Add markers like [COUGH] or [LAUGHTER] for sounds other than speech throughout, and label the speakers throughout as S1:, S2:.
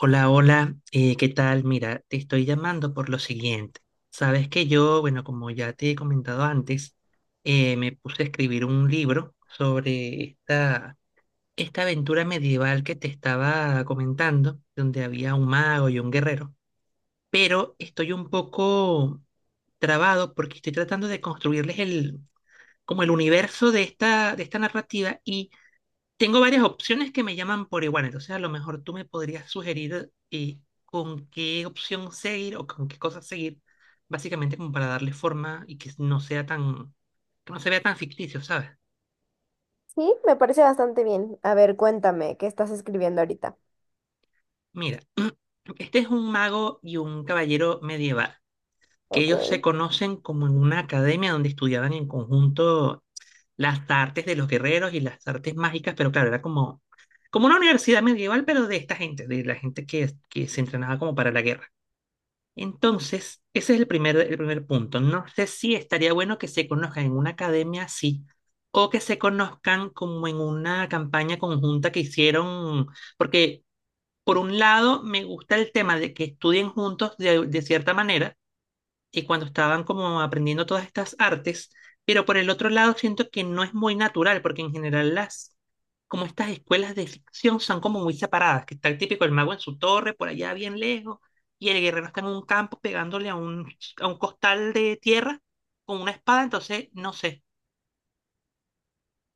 S1: Hola, hola, ¿qué tal? Mira, te estoy llamando por lo siguiente. Sabes que yo, bueno, como ya te he comentado antes, me puse a escribir un libro sobre esta aventura medieval que te estaba comentando, donde había un mago y un guerrero, pero estoy un poco trabado porque estoy tratando de construirles como el universo de de esta narrativa y tengo varias opciones que me llaman por igual, entonces a lo mejor tú me podrías sugerir con qué opción seguir o con qué cosas seguir, básicamente como para darle forma y que no sea tan, que no se vea tan ficticio, ¿sabes?
S2: Sí, me parece bastante bien. A ver, cuéntame, ¿qué estás escribiendo ahorita?
S1: Mira, [CLEARS THROAT] este es un mago y un caballero medieval, que
S2: Ok.
S1: ellos se conocen como en una academia donde estudiaban en conjunto las artes de los guerreros y las artes mágicas, pero claro, era como, como una universidad medieval, pero de esta gente, de la gente que se entrenaba como para la guerra. Entonces, ese es el primer punto. No sé si estaría bueno que se conozcan en una academia así o que se conozcan como en una campaña conjunta que hicieron, porque por un lado me gusta el tema de que estudien juntos de cierta manera, y cuando estaban como aprendiendo todas estas artes, pero por el otro lado siento que no es muy natural, porque en general como estas escuelas de ficción son como muy separadas, que está el típico el mago en su torre, por allá bien lejos, y el guerrero está en un campo pegándole a a un costal de tierra con una espada, entonces no sé.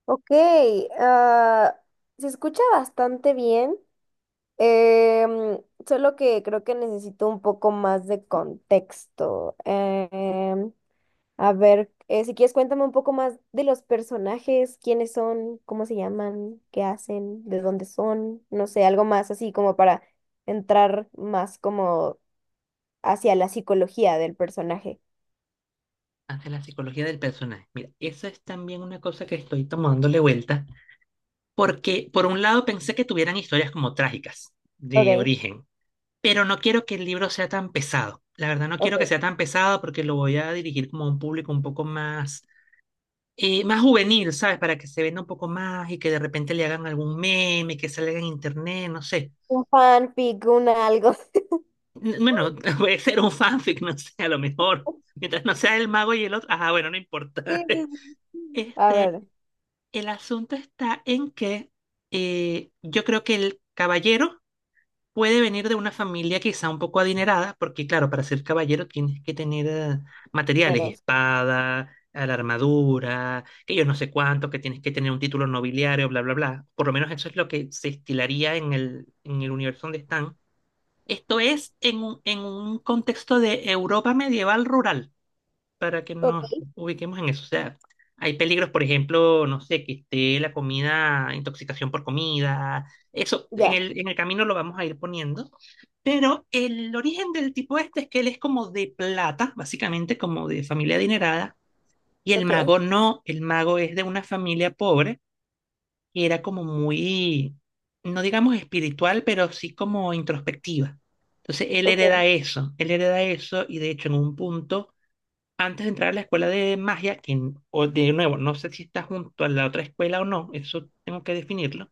S2: Ok, ah, se escucha bastante bien, em, solo que creo que necesito un poco más de contexto. Si quieres cuéntame un poco más de los personajes, quiénes son, cómo se llaman, qué hacen, de dónde son, no sé, algo más así como para entrar más como hacia la psicología del personaje.
S1: Ante la psicología del personaje. Mira, esa es también una cosa que estoy tomándole vuelta, porque por un lado pensé que tuvieran historias como trágicas de
S2: Ok,
S1: origen, pero no quiero que el libro sea tan pesado. La verdad, no quiero que
S2: ok.
S1: sea tan pesado porque lo voy a dirigir como a un público un poco más, más juvenil, ¿sabes? Para que se venda un poco más y que de repente le hagan algún meme, que salga en internet, no sé.
S2: Un fanfic, un algo.
S1: Bueno, [LAUGHS] puede ser un fanfic, no sé, a lo mejor.
S2: [LAUGHS]
S1: Mientras no sea el mago y el otro. Ajá, bueno, no importa.
S2: Sí,
S1: [LAUGHS]
S2: sí, sí. [LAUGHS] A
S1: Este,
S2: ver,
S1: el asunto está en que yo creo que el caballero puede venir de una familia quizá un poco adinerada, porque claro, para ser caballero tienes que tener materiales,
S2: primero.
S1: espada, a la armadura, que yo no sé cuánto, que tienes que tener un título nobiliario, bla, bla, bla. Por lo menos eso es lo que se estilaría en en el universo donde están. Esto es en en un contexto de Europa medieval rural para que
S2: Ok,
S1: nos ubiquemos en eso. O sea, hay peligros, por ejemplo, no sé, que esté la comida, intoxicación por comida. Eso en
S2: ya,
S1: en el camino lo vamos a ir poniendo. Pero el origen del tipo este es que él es como de plata, básicamente como de familia adinerada, y el
S2: ok,
S1: mago no, el mago es de una familia pobre, que era como muy, no digamos espiritual, pero sí como introspectiva. Entonces
S2: ok,
S1: él hereda eso, y de hecho en un punto antes de entrar a la escuela de magia, que o de nuevo, no sé si está junto a la otra escuela o no, eso tengo que definirlo.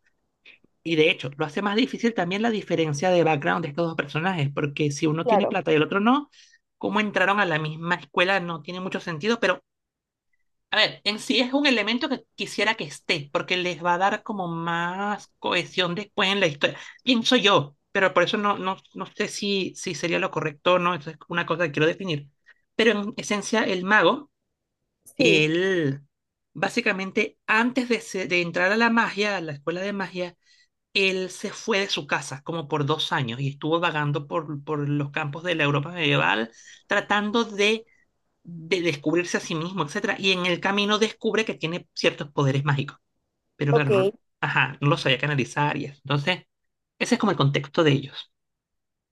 S1: Y de hecho, lo hace más difícil también la diferencia de background de estos dos personajes, porque si uno tiene
S2: claro,
S1: plata y el otro no, cómo entraron a la misma escuela no tiene mucho sentido, pero a ver, en sí es un elemento que quisiera que esté, porque les va a dar como más cohesión después en la historia. Pienso yo, pero por eso no sé si sería lo correcto o no, eso es una cosa que quiero definir. Pero en esencia, el mago
S2: sí,
S1: él, básicamente, de entrar a la magia, a la escuela de magia, él se fue de su casa como por 2 años y estuvo vagando por los campos de la Europa medieval, tratando de descubrirse a sí mismo, etcétera. Y en el camino descubre que tiene ciertos poderes mágicos, pero claro,
S2: ok,
S1: no, ajá, no lo sabía canalizar y eso. Entonces, ese es como el contexto de ellos.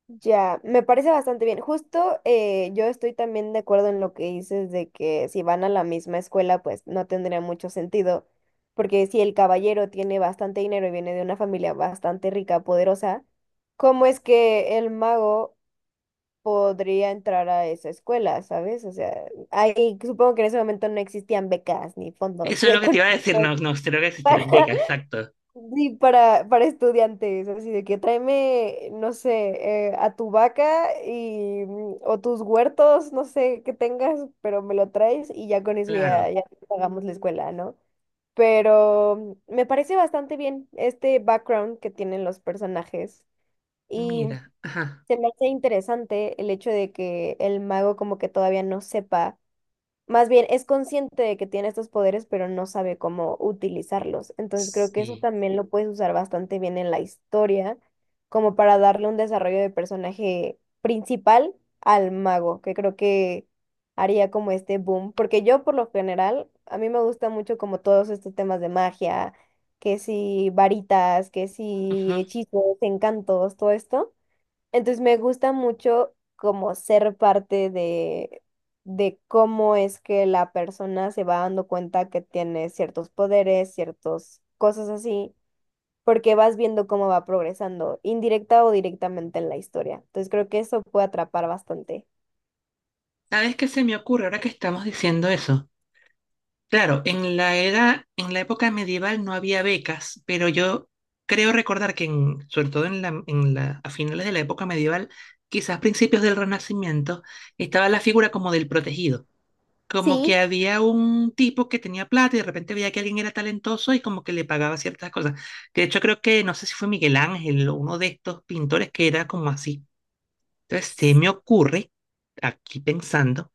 S2: ya, me parece bastante bien. Justo yo estoy también de acuerdo en lo que dices de que si van a la misma escuela, pues no tendría mucho sentido, porque si el caballero tiene bastante dinero y viene de una familia bastante rica, poderosa, ¿cómo es que el mago podría entrar a esa escuela? ¿Sabes? O sea, ahí supongo que en ese momento no existían becas ni fondos
S1: Eso es lo que te iba a decir,
S2: económicos
S1: no, no, creo que
S2: para,
S1: existieran becas, exacto.
S2: [LAUGHS] ni para estudiantes, así de que tráeme, no sé, a tu vaca y, mm, o tus huertos, no sé, que tengas, pero me lo traes y ya con eso ya,
S1: Claro,
S2: ya te pagamos la escuela, ¿no? Pero mm, me parece bastante bien este background que tienen los personajes. Y
S1: mira, ajá,
S2: se me hace interesante el hecho de que el mago como que todavía no sepa, más bien es consciente de que tiene estos poderes, pero no sabe cómo utilizarlos. Entonces creo que eso
S1: sí.
S2: también lo puedes usar bastante bien en la historia, como para darle un desarrollo de personaje principal al mago, que creo que haría como este boom, porque yo por lo general, a mí me gusta mucho como todos estos temas de magia, que si varitas, que si hechizos, encantos, todo esto. Entonces me gusta mucho como ser parte de cómo es que la persona se va dando cuenta que tiene ciertos poderes, ciertas cosas así, porque vas viendo cómo va progresando, indirecta o directamente en la historia. Entonces creo que eso puede atrapar bastante.
S1: ¿Sabes qué se me ocurre ahora que estamos diciendo eso? Claro, en la era, en la época medieval no había becas, pero yo creo recordar que sobre todo en a finales de la época medieval, quizás principios del Renacimiento, estaba la figura como del protegido, como
S2: Sí,
S1: que había un tipo que tenía plata y de repente veía que alguien era talentoso y como que le pagaba ciertas cosas. Que de hecho creo que, no sé si fue Miguel Ángel o uno de estos pintores que era como así. Entonces, se me ocurre, aquí pensando,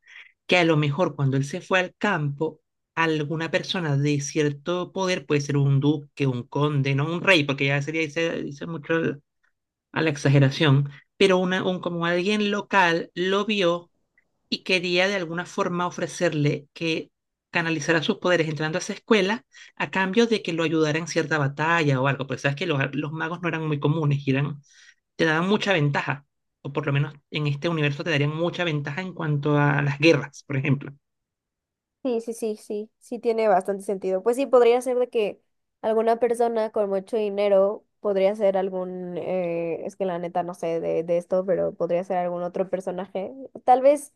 S1: que a lo mejor cuando él se fue al campo, alguna persona de cierto poder, puede ser un duque, un conde, no un rey, porque ya sería, dice mucho a la exageración, pero como alguien local lo vio y quería de alguna forma ofrecerle que canalizara sus poderes entrando a esa escuela a cambio de que lo ayudara en cierta batalla o algo, porque sabes que los magos no eran muy comunes, y eran, te daban mucha ventaja, o por lo menos en este universo te darían mucha ventaja en cuanto a las guerras, por ejemplo.
S2: sí, sí, sí, sí, sí tiene bastante sentido. Pues sí, podría ser de que alguna persona con mucho dinero podría ser algún, es que la neta no sé de esto, pero podría ser algún otro personaje, tal vez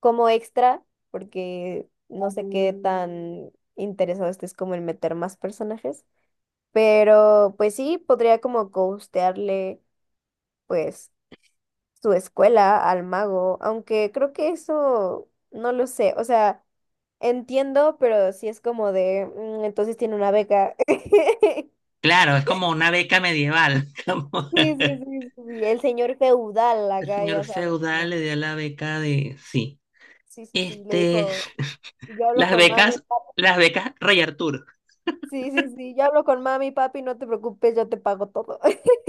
S2: como extra, porque no sé qué Mm. tan interesado estés como en meter más personajes, pero pues sí, podría como ghostearle, pues su escuela al mago, aunque creo que eso no lo sé, o sea, entiendo, pero sí es como de, "Mm, entonces tiene una beca." [LAUGHS]
S1: Claro, es como una beca medieval. [LAUGHS] Como
S2: Sí, sí, sí, sí, sí, el señor feudal
S1: el
S2: acá,
S1: señor
S2: ya sabes, ¿no?
S1: feudal le dio la beca de... Sí.
S2: Sí, sí, sí, le
S1: Este,
S2: dijo, "Yo hablo
S1: las
S2: con mami,
S1: becas,
S2: papi".
S1: las becas Rey Arturo.
S2: Sí, sí, sí, yo hablo con mami, papi, no te preocupes, yo te pago todo. [LAUGHS]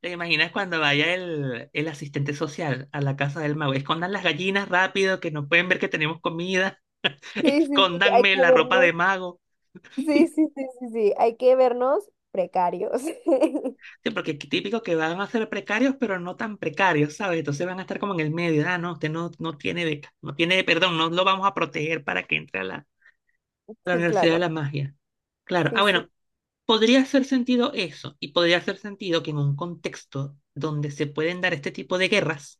S1: ¿Te imaginas cuando vaya el asistente social a la casa del mago? Escondan las gallinas rápido, que no pueden ver que tenemos comida. [LAUGHS]
S2: Sí, sí, sí, hay que
S1: Escóndanme la ropa de
S2: vernos.
S1: mago.
S2: Sí, sí, sí, sí, sí, hay que vernos precarios. [LAUGHS]
S1: Sí, porque es típico que van a ser precarios, pero no tan precarios, ¿sabes? Entonces van a estar como en el medio. Ah, usted no, no tiene beca, no tiene, perdón, no lo vamos a proteger para que entre a a la
S2: Sí,
S1: Universidad de
S2: claro.
S1: la Magia. Claro. Ah,
S2: Sí, sí.
S1: bueno, podría hacer sentido eso, y podría hacer sentido que en un contexto donde se pueden dar este tipo de guerras,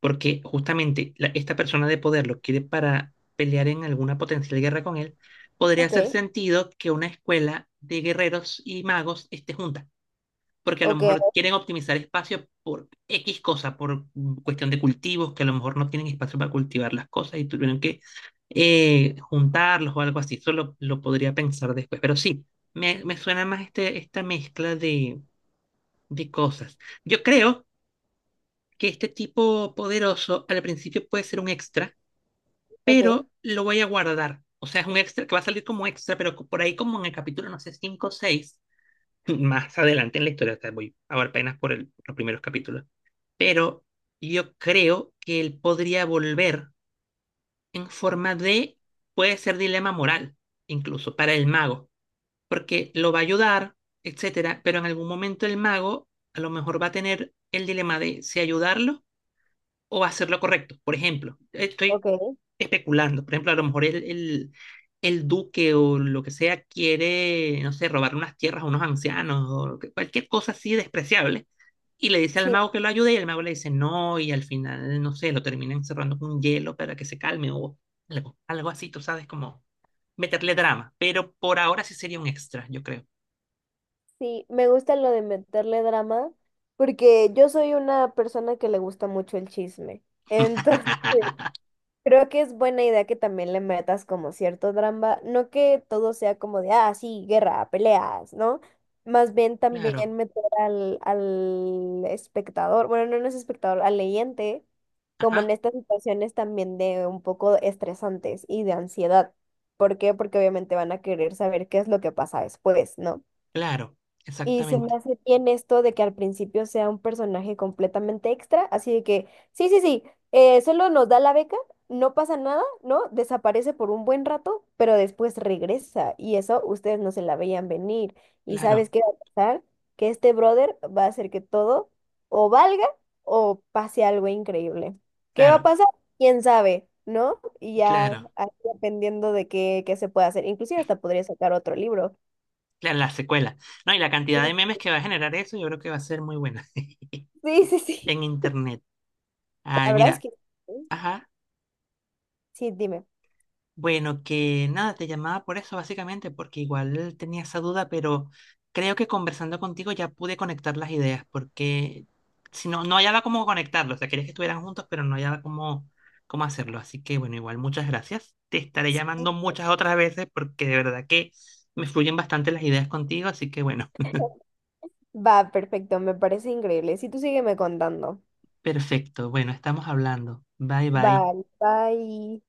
S1: porque justamente esta persona de poder lo quiere para pelear en alguna potencial guerra con él, podría
S2: Ok,
S1: hacer sentido que una escuela de guerreros y magos esté junta, porque a lo
S2: ok,
S1: mejor quieren optimizar espacio por X cosa, por cuestión de cultivos, que a lo mejor no tienen espacio para cultivar las cosas y tuvieron que juntarlos o algo así. Eso lo podría pensar después, pero sí, me suena más esta mezcla de cosas. Yo creo que este tipo poderoso al principio puede ser un extra,
S2: ok,
S1: pero lo voy a guardar. O sea, es un extra que va a salir como extra, pero por ahí como en el capítulo, no sé, 5 o 6, [LAUGHS] más adelante en la historia, o voy a ver apenas por los primeros capítulos. Pero yo creo que él podría volver en forma de, puede ser dilema moral, incluso para el mago, porque lo va a ayudar, etcétera, pero en algún momento el mago a lo mejor va a tener el dilema de si ayudarlo o hacer lo correcto. Por ejemplo, estoy
S2: ok.
S1: especulando, por ejemplo, a lo mejor el duque o lo que sea quiere, no sé, robar unas tierras a unos ancianos o cualquier cosa así despreciable. Y le dice al
S2: Sí,
S1: mago que lo ayude y el mago le dice no y al final, no sé, lo termina encerrando con hielo para que se calme o algo, algo así, tú sabes, como meterle drama. Pero por ahora sí sería un extra, yo creo.
S2: sí, me gusta lo de meterle drama, porque yo soy una persona que le gusta mucho el chisme. Entonces, [LAUGHS] creo que es buena idea que también le metas como cierto drama, no que todo sea como de, ah, sí, guerra, peleas, ¿no? Más bien
S1: Claro,
S2: también meter al espectador, bueno, no, no es espectador, al leyente, como en
S1: ajá,
S2: estas situaciones también de un poco estresantes y de ansiedad. ¿Por qué? Porque obviamente van a querer saber qué es lo que pasa después, ¿no?
S1: claro,
S2: Y se me
S1: exactamente.
S2: hace bien esto de que al principio sea un personaje completamente extra, así de que, sí, sí, sí, solo nos da la beca, no pasa nada, ¿no? Desaparece por un buen rato, pero después regresa y eso ustedes no se la veían venir. ¿Y
S1: Claro,
S2: sabes qué va a pasar? Que este brother va a hacer que todo o valga o pase algo increíble. ¿Qué va a
S1: claro,
S2: pasar? ¿Quién sabe? ¿No? Y ya
S1: claro.
S2: ahí dependiendo de qué, qué se pueda hacer. Inclusive hasta podría sacar otro libro.
S1: Claro, la secuela. No, y la cantidad
S2: Sí,
S1: de memes que va a generar eso, yo creo que va a ser muy buena
S2: sí, sí.
S1: [LAUGHS]
S2: Sí.
S1: en internet.
S2: La
S1: Ay,
S2: verdad es
S1: mira,
S2: que sí.
S1: ajá.
S2: Sí, dime.
S1: Bueno, que nada, te llamaba por eso básicamente, porque igual tenía esa duda, pero creo que conversando contigo ya pude conectar las ideas, porque si no, no hallaba cómo conectarlo. O sea, quería que estuvieran juntos, pero no hallaba cómo hacerlo. Así que bueno, igual muchas gracias. Te estaré
S2: Sí.
S1: llamando muchas otras veces porque de verdad que me fluyen bastante las ideas contigo, así que bueno.
S2: Va, perfecto, me parece increíble. Si tú sígueme contando.
S1: Perfecto, bueno, estamos hablando. Bye bye.
S2: Vale, bye.